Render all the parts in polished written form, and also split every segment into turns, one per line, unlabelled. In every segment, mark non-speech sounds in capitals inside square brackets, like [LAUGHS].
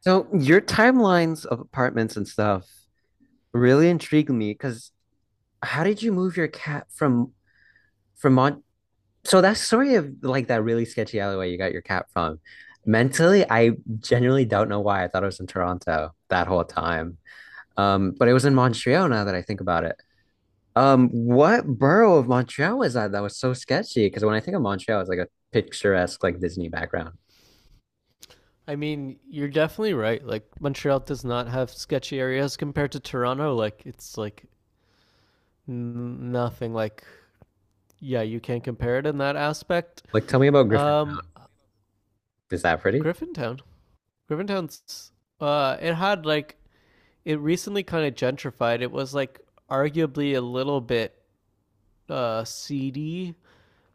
So your timelines of apartments and stuff really intrigued me because how did you move your cat from Mon so that's sort of like that really sketchy alleyway you got your cat from. Mentally, I genuinely don't know why I thought it was in Toronto that whole time. But it was in Montreal now that I think about it. What borough of Montreal was that? That was so sketchy. Because when I think of Montreal, it's like a picturesque, like Disney background.
I mean, you're definitely right. Like Montreal does not have sketchy areas compared to Toronto. Like it's like nothing. Like yeah, you can't compare it in that aspect.
Like, tell me about
Um,
Griffintown. Is that pretty?
Griffintown. Griffintown's it had like it recently kind of gentrified. It was like arguably a little bit seedy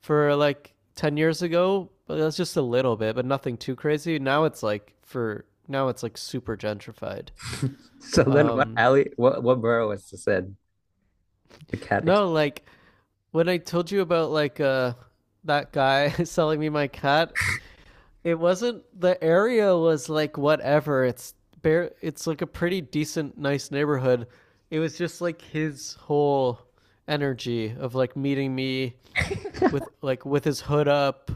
for like 10 years ago, but that's just a little bit, but nothing too crazy. Now it's like for now it's like super gentrified.
[LAUGHS] So then, what
Um,
alley? What borough was this in? The cat. Ex-
no, like when I told you about like that guy [LAUGHS] selling me my cat, it wasn't the area was like whatever. It's bare it's like a pretty decent nice neighborhood. It was just like his whole energy of like meeting me with like with his hood up.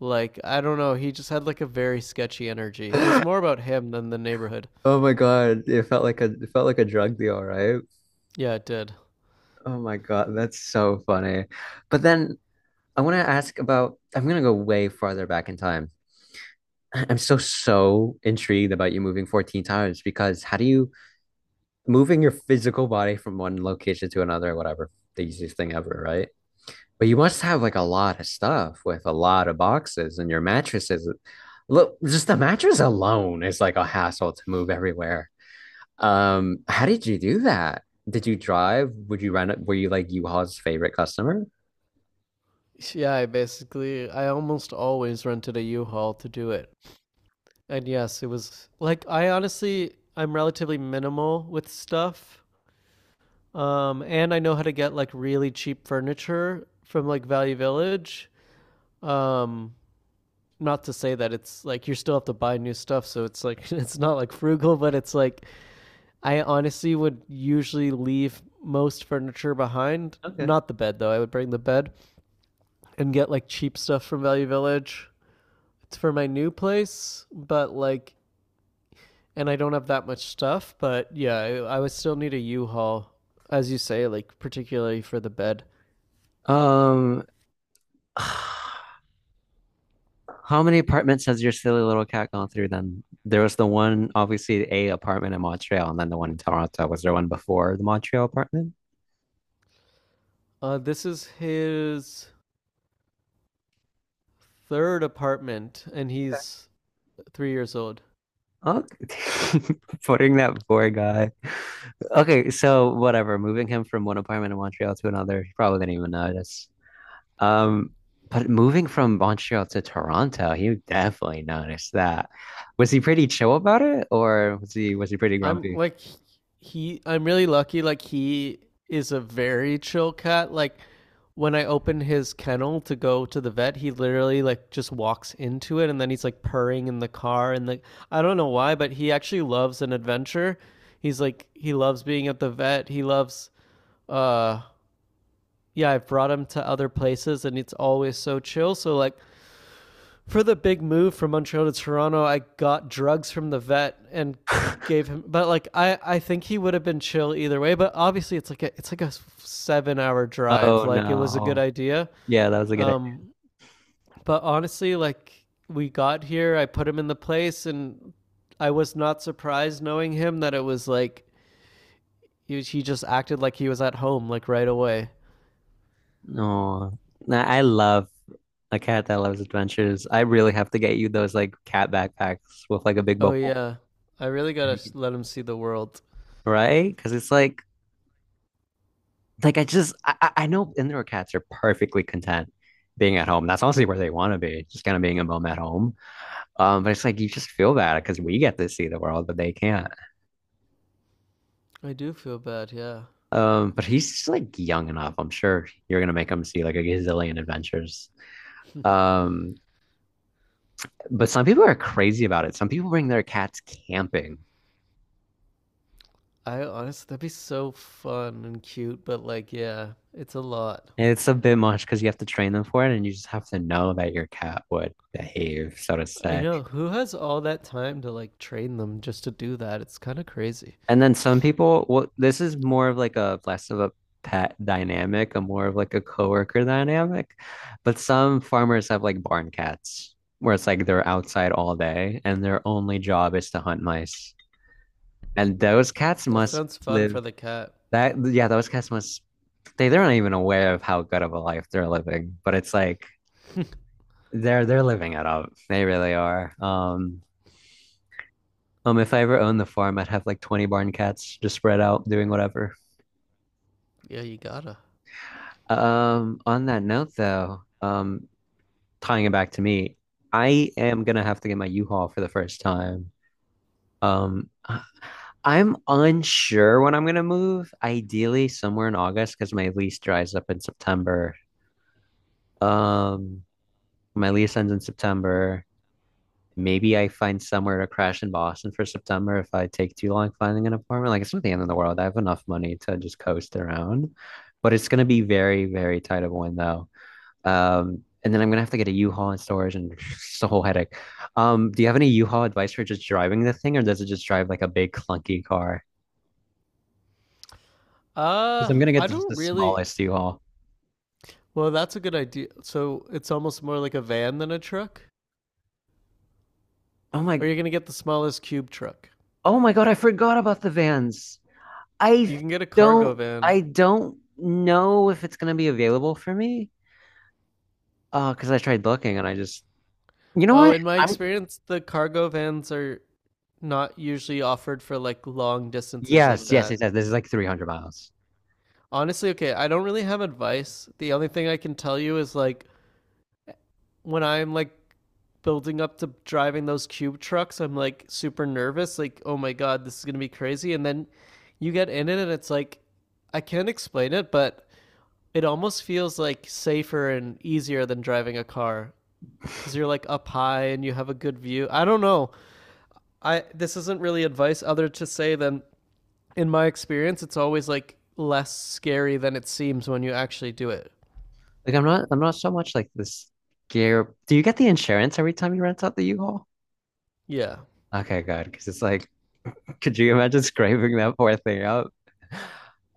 Like I don't know, he just had like a very sketchy energy. It was more
[LAUGHS]
about him than the neighborhood.
Oh my God! It felt like a drug deal, right?
Yeah, it did.
Oh my God, that's so funny. But then I want to ask about, I'm going to go way farther back in time. [CLEARS THROAT] I'm so, so intrigued about you moving 14 times because how do you, moving your physical body from one location to another, whatever, the easiest thing ever, right? But you must have like a lot of stuff with a lot of boxes and your mattresses. Look, just the mattress alone is like a hassle to move everywhere. How did you do that? Did you drive? Would you rent it? Were you like U-Haul's favorite customer?
Yeah, I basically I almost always rented a U-Haul to do it. And yes, it was like I honestly I'm relatively minimal with stuff. And I know how to get like really cheap furniture from like Value Village. Um Not to say that it's like you still have to buy new stuff, so it's like [LAUGHS] it's not like frugal, but it's like I honestly would usually leave most furniture behind.
Okay.
Not the bed though. I would bring the bed and get like cheap stuff from Value Village. It's for my new place, but like and I don't have that much stuff, but yeah, I would still need a U-Haul, as you say, like particularly for the bed.
Um, [SIGHS] how many apartments has your silly little cat gone through then? There was the one, obviously, a apartment in Montreal, and then the one in Toronto. Was there one before the Montreal apartment?
This is his third apartment, and he's 3 years old.
Okay. [LAUGHS] Putting that poor guy. Okay, so whatever, moving him from one apartment in Montreal to another, he probably didn't even notice. Um, but moving from Montreal to Toronto, he definitely noticed that. Was he pretty chill about it, or was he pretty
I'm
grumpy?
like he I'm really lucky like he is a very chill cat. Like when I open his kennel to go to the vet, he literally like just walks into it and then he's like purring in the car and like I don't know why, but he actually loves an adventure. He's like he loves being at the vet. He loves uh yeah, I've brought him to other places and it's always so chill. So like for the big move from Montreal to Toronto, I got drugs from the vet and
[LAUGHS]
gave him. But like, I think he would have been chill either way. But obviously, it's like a 7 hour drive.
Oh
Like it was a good
no.
idea.
Yeah, that was a good idea.
Um, but honestly, like we got here, I put him in the place, and I was not surprised knowing him that it was like he just acted like he was at home like right away.
Oh, I love a cat that loves adventures. I really have to get you those like cat backpacks with like a big
Oh
bubble.
yeah, I really
And you
gotta
can-
let him see the world.
Right? Because it's like I know indoor cats are perfectly content being at home. That's honestly where they want to be, just kind of being a mom at home. But it's like you just feel bad because we get to see the world, but they can't.
I do feel bad. Yeah.
But he's just like young enough. I'm sure you're gonna make him see like a gazillion adventures. Um, but some people are crazy about it. Some people bring their cats camping.
I honestly, that'd be so fun and cute, but like, yeah, it's a lot.
And it's a bit much because you have to train them for it, and you just have to know that your cat would behave, so to
I
say.
know. Who has all that time to like train them just to do that? It's kind of crazy.
And then some people, well, this is more of like a less of a pet dynamic, a more of like a coworker dynamic. But some farmers have like barn cats where it's like they're outside all day and their only job is to hunt mice. And those cats
That
must
sounds fun
live
for the cat.
that, yeah, those cats must, they're not even aware of how good of a life they're living, but it's like they're living it up. They really are. If I ever owned the farm, I'd have like 20 barn cats just spread out doing whatever.
Yeah, you gotta.
On that note though, tying it back to me, I am gonna have to get my U-Haul for the first time. Um, I- I'm unsure when I'm gonna move, ideally somewhere in August because my lease dries up in September. Um, my lease ends in September. Maybe I find somewhere to crash in Boston for September if I take too long finding an apartment. Like it's not the end of the world. I have enough money to just coast around, but it's gonna be very, very tight of a window. And then I'm gonna have to get a U-Haul in storage, and [LAUGHS] it's a whole headache. Do you have any U-Haul advice for just driving the thing, or does it just drive like a big clunky car? Because I'm gonna get
I
just the
don't really.
smallest U-Haul.
Well, that's a good idea. So it's almost more like a van than a truck?
Oh
Or
my,
you're gonna get the smallest cube truck.
oh my God, I forgot about the vans. I
You can get a cargo van.
I don't know if it's gonna be available for me. Because I tried looking, and I just, you know
Oh,
what?
in my
I'm
experience, the cargo vans are not usually offered for like long distances like
Yes, yes,
that.
it says this is like 300 miles.
Honestly, okay, I don't really have advice. The only thing I can tell you is like when I'm like building up to driving those cube trucks, I'm like super nervous, like, oh my god, this is gonna be crazy. And then you get in it and it's like I can't explain it, but it almost feels like safer and easier than driving a car because you're like up high and you have a good view. I don't know. I this isn't really advice other to say than in my experience, it's always like less scary than it seems when you actually do it.
I'm not so much like this gear. Do you get the insurance every time you rent out the U-Haul?
Yeah.
Okay, good. Because it's like, could you imagine scraping that poor thing up?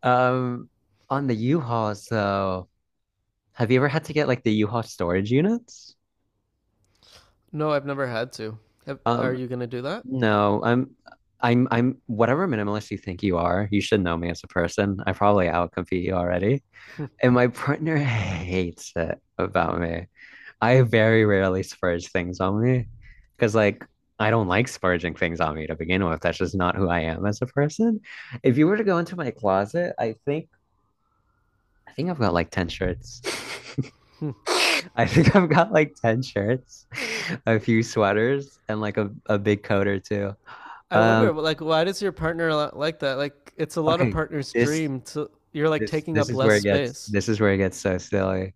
Um, on the U-Haul, so have you ever had to get like the U-Haul storage units?
No, I've never had to. Have- Are
Um,
you gonna do that?
no, I'm whatever minimalist you think you are. You should know me as a person. I probably outcompete you already, and my partner [LAUGHS] hates it about me. I very rarely splurge things on me because, like, I don't like splurging things on me to begin with. That's just not who I am as a person. If you were to go into my closet, I think I've got like 10 shirts.
Hmm.
[LAUGHS] I think I've got like 10 shirts, [LAUGHS] a few sweaters, and like a big coat or two. Oh,
I wonder,
Um,
like, why does your partner like that? Like, it's a lot of
okay,
partners'
this
dream to. You're like
this
taking
this
up
is
less
where it gets
space.
this is where it gets so silly.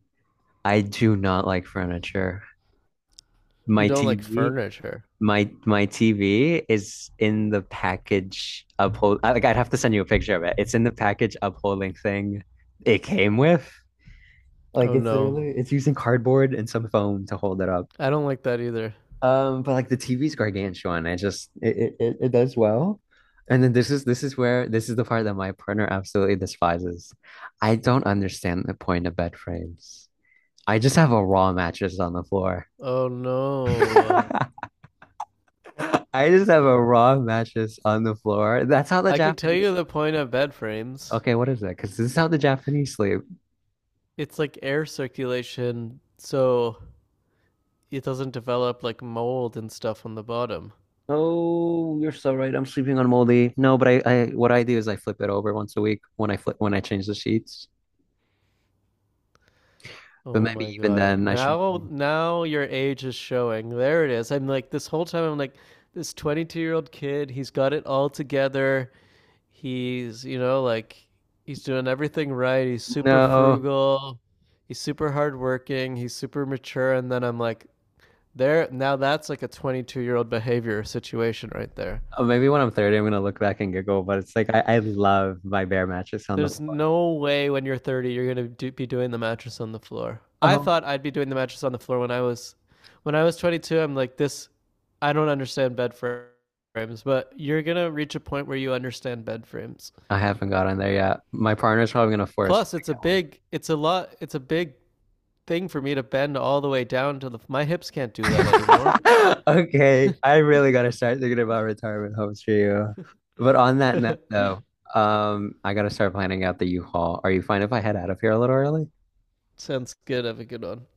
I do not like furniture.
You don't
My
like
TV
furniture.
My my TV is in the package uphold. I- Like I'd have to send you a picture of it. It's in the package upholding thing it came with. Like
Oh
it's
no,
literally it's using cardboard and some foam to hold it up.
I don't like that either.
But like the TV's gargantuan. I just it it, it it does well. And then this is where This is the part that my partner absolutely despises. I don't understand the point of bed frames. I just have a raw mattress on the floor.
Oh no,
[LAUGHS] [LAUGHS] I just have a raw mattress on the floor. That's how the
I can tell
Japanese.
you the point of bed frames.
Okay, what is that? Because this is how the Japanese sleep.
It's like air circulation, so it doesn't develop like mold and stuff on the bottom.
Oh, you're so right. I'm sleeping on moldy. No, but what I do is I flip it over once a week when I change the sheets. But
Oh
maybe
my
even
God.
then, I should.
Now your age is showing. There it is. I'm like, this whole time, I'm like, this 22-year-old kid, he's got it all together. He's, you know, like, he's doing everything right. He's super
No,
frugal. He's super hardworking. He's super mature. And then I'm like, there, now that's like a 22-year-old behavior situation right there.
oh, maybe when I'm 30, I'm gonna look back and giggle. But it's like I love my bare mattress on the
There's
floor.
no way when you're 30 you're gonna do, be doing the mattress on the floor. I
Oh,
thought I'd be doing the mattress on the floor when I was 22. I'm like this. I don't understand bed frames, but you're gonna reach a point where you understand bed frames.
I haven't got on there yet. My partner's probably gonna force me
Plus,
to
it's a
get one.
big, it's a lot, it's a big thing for me to bend all the way down to the. My hips can't do that anymore.
[LAUGHS] Okay, I really gotta start thinking about retirement homes for you. But on that note, though,
[LAUGHS]
I gotta start planning out the U-Haul. Are you fine if I head out of here a little early?
Sounds good. Have a good one.